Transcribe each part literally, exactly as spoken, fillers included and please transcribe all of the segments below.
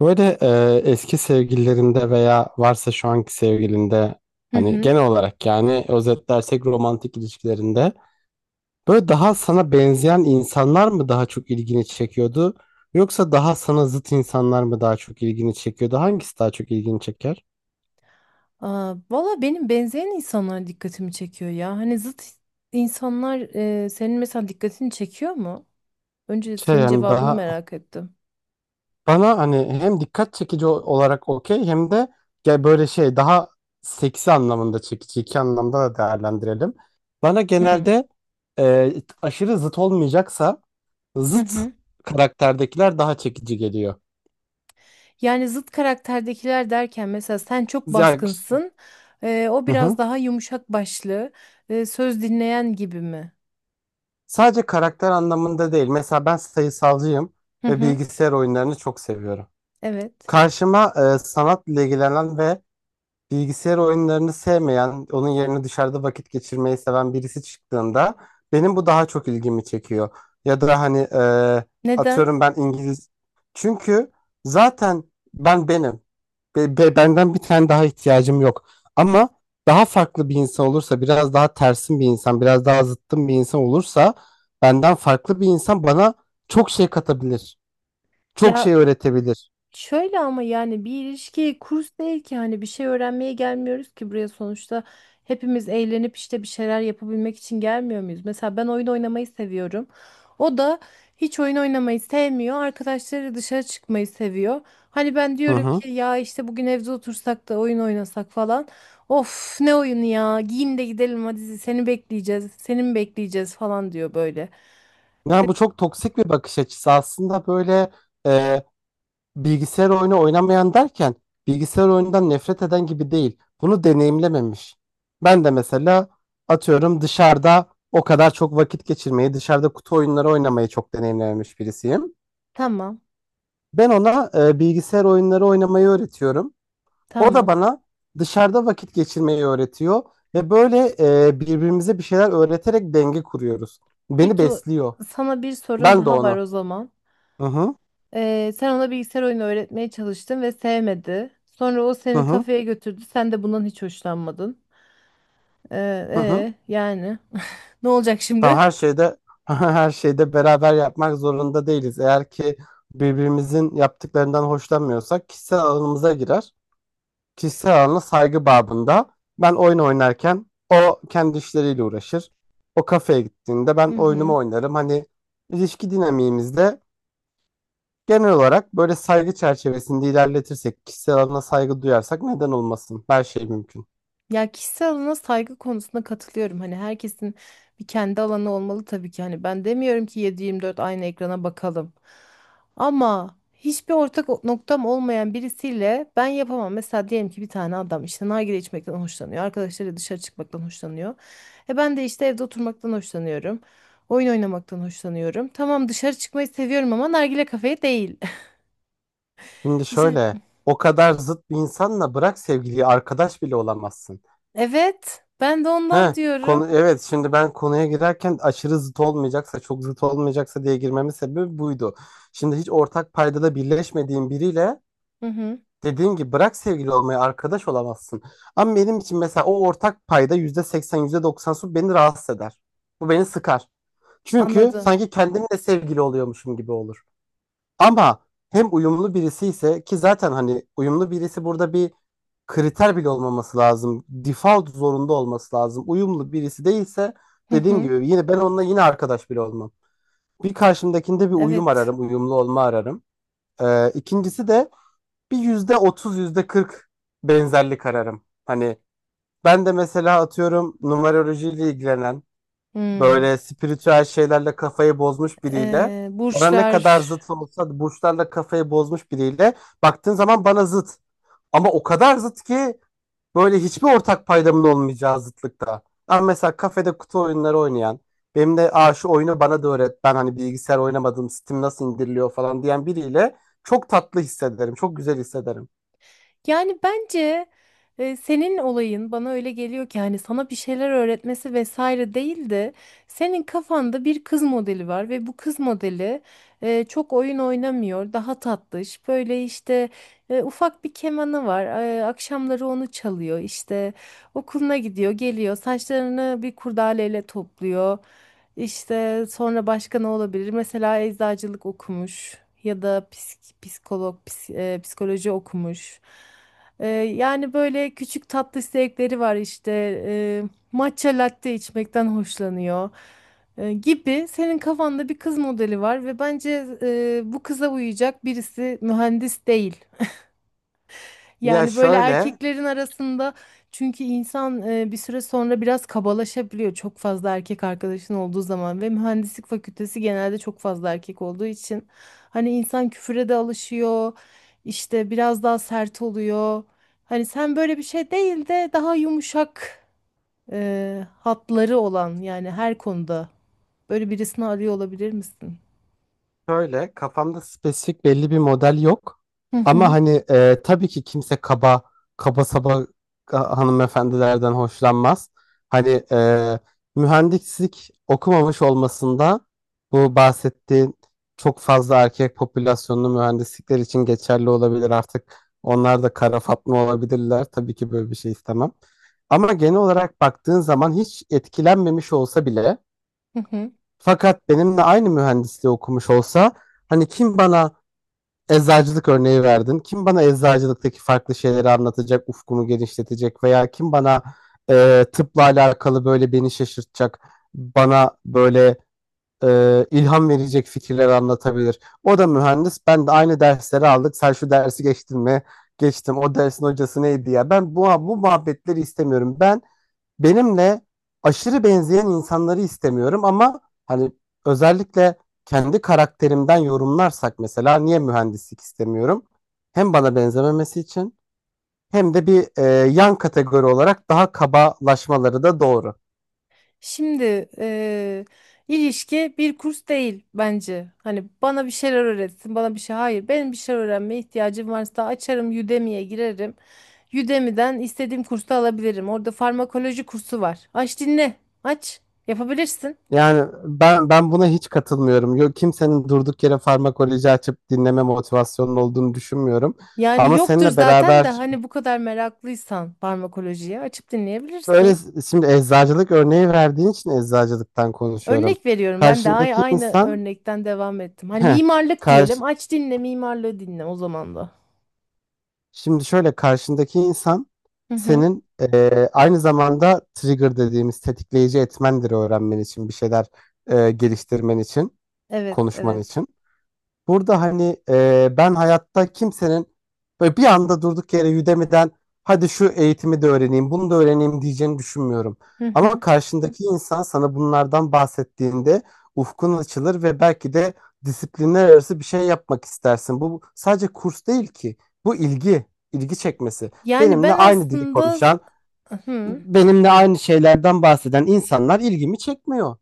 Böyle e, eski sevgililerinde veya varsa şu anki sevgilinde Hı hani hı. genel olarak yani özetlersek romantik ilişkilerinde böyle daha sana benzeyen insanlar mı daha çok ilgini çekiyordu yoksa daha sana zıt insanlar mı daha çok ilgini çekiyordu? Hangisi daha çok ilgini çeker? Aa, valla benim benzeyen insanlar dikkatimi çekiyor ya. Hani zıt insanlar e, senin mesela dikkatini çekiyor mu? Önce Şey senin yani cevabını daha merak ettim. bana hani hem dikkat çekici o- olarak okey hem de gel böyle şey daha seksi anlamında çekici iki anlamda da değerlendirelim. Bana Hı genelde e, aşırı zıt olmayacaksa hı. zıt Hı. karakterdekiler daha çekici geliyor. Yani zıt karakterdekiler derken mesela sen çok Yani, baskınsın, e, o hı hı. biraz daha yumuşak başlı, e, söz dinleyen gibi mi? Sadece karakter anlamında değil. Mesela ben sayısalcıyım Hı ve hı. bilgisayar oyunlarını çok seviyorum. Evet. Karşıma e, sanatla ilgilenen ve bilgisayar oyunlarını sevmeyen, onun yerine dışarıda vakit geçirmeyi seven birisi çıktığında benim bu daha çok ilgimi çekiyor. Ya da hani e, Neden? atıyorum ben İngiliz. Çünkü zaten ben benim. Be- be- benden bir tane daha ihtiyacım yok. Ama daha farklı bir insan olursa, biraz daha tersin bir insan, biraz daha zıttım bir insan olursa, benden farklı bir insan bana çok şey katabilir. Çok ya şey öğretebilir. Şöyle ama yani bir ilişki kurs değil ki. Hani bir şey öğrenmeye gelmiyoruz ki buraya. Sonuçta hepimiz eğlenip işte bir şeyler yapabilmek için gelmiyor muyuz? Mesela ben oyun oynamayı seviyorum. O da hiç oyun oynamayı sevmiyor. Arkadaşları dışarı çıkmayı seviyor. Hani ben Hı diyorum hı. ki ya işte bugün evde otursak da oyun oynasak falan. Of ne oyunu ya, giyin de gidelim hadi, seni bekleyeceğiz, seni mi bekleyeceğiz falan diyor böyle. Yani bu çok toksik bir bakış açısı. Aslında böyle e, bilgisayar oyunu oynamayan derken bilgisayar oyunundan nefret eden gibi değil. Bunu deneyimlememiş. Ben de mesela atıyorum dışarıda o kadar çok vakit geçirmeyi, dışarıda kutu oyunları oynamayı çok deneyimlememiş birisiyim. Tamam Ben ona e, bilgisayar oyunları oynamayı öğretiyorum. O da tamam. bana dışarıda vakit geçirmeyi öğretiyor ve böyle e, birbirimize bir şeyler öğreterek denge kuruyoruz. Beni Peki o- besliyor. sana bir sorum Ben de daha var onu. o zaman. Hı hı. Ee, sen ona bilgisayar oyunu öğretmeye çalıştın ve sevmedi. Sonra o Hı seni hı. kafeye götürdü. Sen de bundan hiç hoşlanmadın. Ee, Hı hı. E, yani ne olacak Tamam şimdi? her şeyde her şeyde beraber yapmak zorunda değiliz. Eğer ki birbirimizin yaptıklarından hoşlanmıyorsak kişisel alanımıza girer. Kişisel alana saygı babında ben oyun oynarken o kendi işleriyle uğraşır. O kafeye gittiğinde ben Hı oyunumu hı. oynarım. Hani ilişki dinamiğimizde genel olarak böyle saygı çerçevesinde ilerletirsek, kişisel alana saygı duyarsak neden olmasın? Her şey mümkün. Ya, kişisel alana saygı konusunda katılıyorum. Hani herkesin bir kendi alanı olmalı tabii ki. Hani ben demiyorum ki yedi yirmi dört aynı ekrana bakalım. Ama hiçbir ortak o- noktam olmayan birisiyle ben yapamam. Mesela diyelim ki bir tane adam işte nargile içmekten hoşlanıyor. Arkadaşları dışarı çıkmaktan hoşlanıyor. E ben de işte evde oturmaktan hoşlanıyorum. Oyun oynamaktan hoşlanıyorum. Tamam, dışarı çıkmayı seviyorum ama nargile kafeye değil. Şimdi İşte şöyle o kadar zıt bir insanla bırak sevgiliyi arkadaş bile olamazsın. evet, ben de ondan He, diyorum. konu evet şimdi ben konuya girerken aşırı zıt olmayacaksa çok zıt olmayacaksa diye girmemin sebebi buydu. Şimdi hiç ortak paydada birleşmediğin biriyle Hı hı, dediğim gibi bırak sevgili olmayı arkadaş olamazsın. Ama benim için mesela o ortak payda yüzde seksen yüzde doksan su beni rahatsız eder. Bu beni sıkar. Çünkü anladım. sanki kendimle sevgili oluyormuşum gibi olur. Ama hem uyumlu birisi ise ki zaten hani uyumlu birisi burada bir kriter bile olmaması lazım. Default zorunda olması lazım. Uyumlu birisi değilse Hı dediğim hı, gibi yine ben onunla yine arkadaş bile olmam. Bir karşımdakinde bir uyum evet. ararım, uyumlu olma ararım. Ee, ikincisi de bir yüzde otuz, yüzde kırk benzerlik ararım. Hani ben de mesela atıyorum numerolojiyle ilgilenen Hmm. böyle spiritüel şeylerle kafayı bozmuş biriyle Ee, bana ne kadar burçlar. zıt olsa da burçlarla kafayı bozmuş biriyle baktığın zaman bana zıt. Ama o kadar zıt ki böyle hiçbir ortak paydamın olmayacağı zıtlıkta. Ama mesela kafede kutu oyunları oynayan benim de Aa, şu oyunu bana da öğret ben hani bilgisayar oynamadım Steam nasıl indiriliyor falan diyen biriyle çok tatlı hissederim. Çok güzel hissederim. Yani bence e, senin olayın bana öyle geliyor ki hani sana bir şeyler öğretmesi vesaire değil de senin kafanda bir kız modeli var ve bu kız modeli e, çok oyun oynamıyor, daha tatlış. Böyle işte e, ufak bir kemanı var. E, akşamları onu çalıyor. İşte okuluna gidiyor, geliyor. Saçlarını bir kurdaleyle topluyor. İşte sonra başka ne olabilir? Mesela eczacılık okumuş ya da psik- psikolog, ps- e, psikoloji okumuş. E, yani böyle küçük tatlı zevkleri var işte. E, matcha latte içmekten hoşlanıyor e, gibi. Senin kafanda bir kız modeli var ve bence e, bu kıza uyacak birisi mühendis değil. Ya Yani böyle şöyle erkeklerin arasında, çünkü insan e, bir süre sonra biraz kabalaşabiliyor çok fazla erkek arkadaşın olduğu zaman ve mühendislik fakültesi genelde çok fazla erkek olduğu için hani insan küfüre de alışıyor, işte biraz daha sert oluyor. Hani sen böyle bir şey değil de daha yumuşak e, hatları olan, yani her konuda böyle birisini arıyor olabilir misin? Şöyle kafamda spesifik belli bir model yok. Hı Ama hı. hani e, tabii ki kimse kaba kaba saba ka- hanımefendilerden hoşlanmaz. Hani e, mühendislik okumamış olmasında bu bahsettiğin çok fazla erkek popülasyonlu mühendislikler için geçerli olabilir artık. Onlar da kara Fatma olabilirler. Tabii ki böyle bir şey istemem. Ama genel olarak baktığın zaman hiç etkilenmemiş olsa bile Hı hı. fakat benimle aynı mühendisliği okumuş olsa hani kim bana eczacılık örneği verdin? Kim bana eczacılıktaki farklı şeyleri anlatacak, ufkumu genişletecek veya kim bana e, tıpla alakalı böyle beni şaşırtacak, bana böyle e, ilham verecek fikirler anlatabilir? O da mühendis. Ben de aynı dersleri aldık. Sen şu dersi geçtin mi? Geçtim. O dersin hocası neydi ya? Ben bu bu muhabbetleri istemiyorum. Ben benimle aşırı benzeyen insanları istemiyorum ama hani özellikle kendi karakterimden yorumlarsak mesela niye mühendislik istemiyorum? Hem bana benzememesi için hem de bir e, yan kategori olarak daha kabalaşmaları da doğru. Şimdi eee, ilişki bir kurs değil bence. Hani bana bir şeyler öğretsin, bana bir şey. Hayır, benim bir şeyler öğrenmeye ihtiyacım varsa açarım, Udemy'ye girerim. Udemy'den istediğim kursu alabilirim. Orada farmakoloji kursu var. Aç dinle, aç. Yapabilirsin. Yani ben ben buna hiç katılmıyorum. Yok kimsenin durduk yere farmakoloji açıp dinleme motivasyonunun olduğunu düşünmüyorum. Yani Ama yoktur seninle zaten de beraber hani bu kadar meraklıysan farmakolojiye açıp böyle dinleyebilirsin. şimdi eczacılık örneği verdiğin için eczacılıktan konuşuyorum. Örnek veriyorum, ben de ay- Karşındaki aynı insan örnekten devam ettim. Hani Heh, mimarlık karşı, diyelim, aç dinle mimarlığı dinle o zaman da. şimdi şöyle karşındaki insan Hı hı. senin eee, aynı zamanda trigger dediğimiz tetikleyici etmendir öğrenmen için bir şeyler eee, geliştirmen için Evet konuşman evet. için. Burada hani e, ben hayatta kimsenin böyle bir anda durduk yere Udemy'den hadi şu eğitimi de öğreneyim, bunu da öğreneyim diyeceğini düşünmüyorum. Hı Ama hı. karşındaki insan sana bunlardan bahsettiğinde ufkun açılır ve belki de disiplinler arası bir şey yapmak istersin. Bu sadece kurs değil ki. Bu ilgi, ilgi çekmesi. Yani Benimle ben aynı dili aslında konuşan, hı. benimle aynı şeylerden bahseden insanlar ilgimi çekmiyor.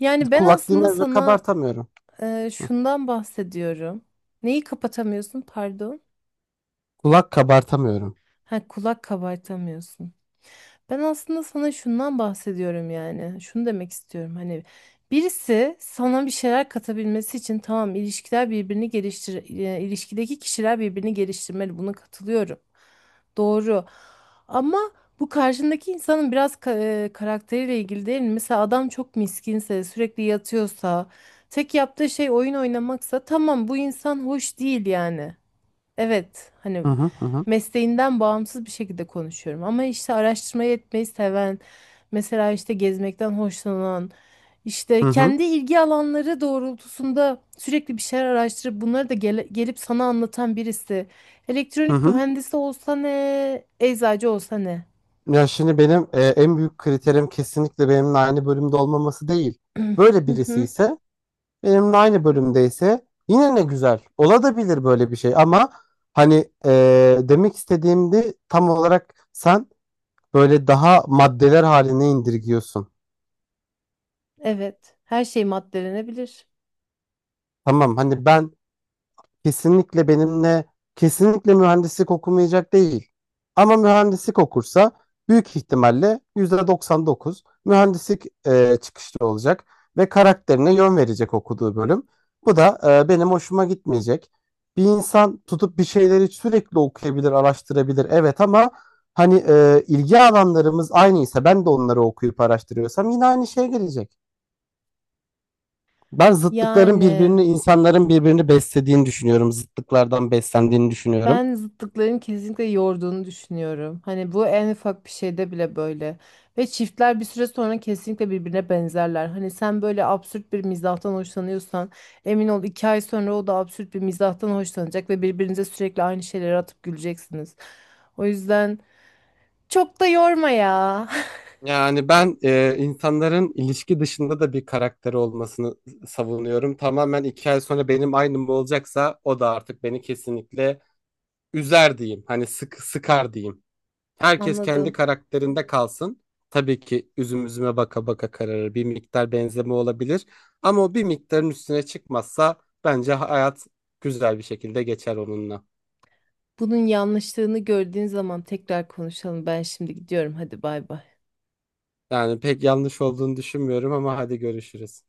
Yani ben Kulak aslında dinler ve sana kabartamıyorum. e, şundan bahsediyorum. Neyi kapatamıyorsun? Pardon. Kulak kabartamıyorum. Ha, kulak kabartamıyorsun. Ben aslında sana şundan bahsediyorum yani. Şunu demek istiyorum. Hani birisi sana bir şeyler katabilmesi için, tamam, ilişkiler birbirini geliştir e, ilişkideki kişiler birbirini geliştirmeli. Buna katılıyorum. Doğru. Ama bu karşındaki insanın biraz ka- e, karakteriyle ilgili değil mi? Mesela adam çok miskinse, sürekli yatıyorsa, tek yaptığı şey oyun oynamaksa tamam, bu insan hoş değil yani. Evet, hani Hı hı hı. mesleğinden bağımsız bir şekilde konuşuyorum. Ama işte araştırmayı etmeyi seven, mesela işte gezmekten hoşlanan, işte Hı hı, kendi ilgi alanları doğrultusunda sürekli bir şeyler araştırıp bunları da gele- gelip sana anlatan birisi. hı Elektronik hı. mühendisi olsa ne, eczacı olsa ne? Ya şimdi benim e, en büyük kriterim kesinlikle benimle aynı bölümde olmaması değil. Böyle Hı birisi hı. ise benimle aynı bölümdeyse yine ne güzel. Olabilir böyle bir şey ama hani e, demek istediğimde tam olarak sen böyle daha maddeler haline indirgiyorsun. Evet, her şey maddelenebilir. Tamam hani ben kesinlikle benimle kesinlikle mühendislik okumayacak değil. Ama mühendislik okursa büyük ihtimalle yüzde doksan dokuz mühendislik e, çıkışlı olacak ve karakterine yön verecek okuduğu bölüm. Bu da e, benim hoşuma gitmeyecek. Bir insan tutup bir şeyleri sürekli okuyabilir, araştırabilir. Evet ama hani e, ilgi alanlarımız aynıysa ben de onları okuyup araştırıyorsam yine aynı şeye gelecek. Ben zıtlıkların Yani. birbirini, insanların birbirini beslediğini düşünüyorum. Zıtlıklardan beslendiğini düşünüyorum. Ben zıtlıkların kesinlikle yorduğunu düşünüyorum. Hani bu en ufak bir şeyde bile böyle. Ve çiftler bir süre sonra kesinlikle birbirine benzerler. Hani sen böyle absürt bir mizahtan hoşlanıyorsan emin ol iki ay sonra o da absürt bir mizahtan hoşlanacak ve birbirinize sürekli aynı şeyleri atıp güleceksiniz. O yüzden çok da yorma ya. Yani ben e, insanların ilişki dışında da bir karakteri olmasını savunuyorum. Tamamen iki ay sonra benim aynım olacaksa o da artık beni kesinlikle üzer diyeyim. Hani sık, sıkar diyeyim. Herkes kendi Anladım. karakterinde kalsın. Tabii ki üzüm üzüme baka baka kararır. Bir miktar benzeme olabilir. Ama o bir miktarın üstüne çıkmazsa bence hayat güzel bir şekilde geçer onunla. Bunun yanlışlığını gördüğün zaman tekrar konuşalım. Ben şimdi gidiyorum. Hadi bay bay. Yani pek yanlış olduğunu düşünmüyorum ama hadi görüşürüz.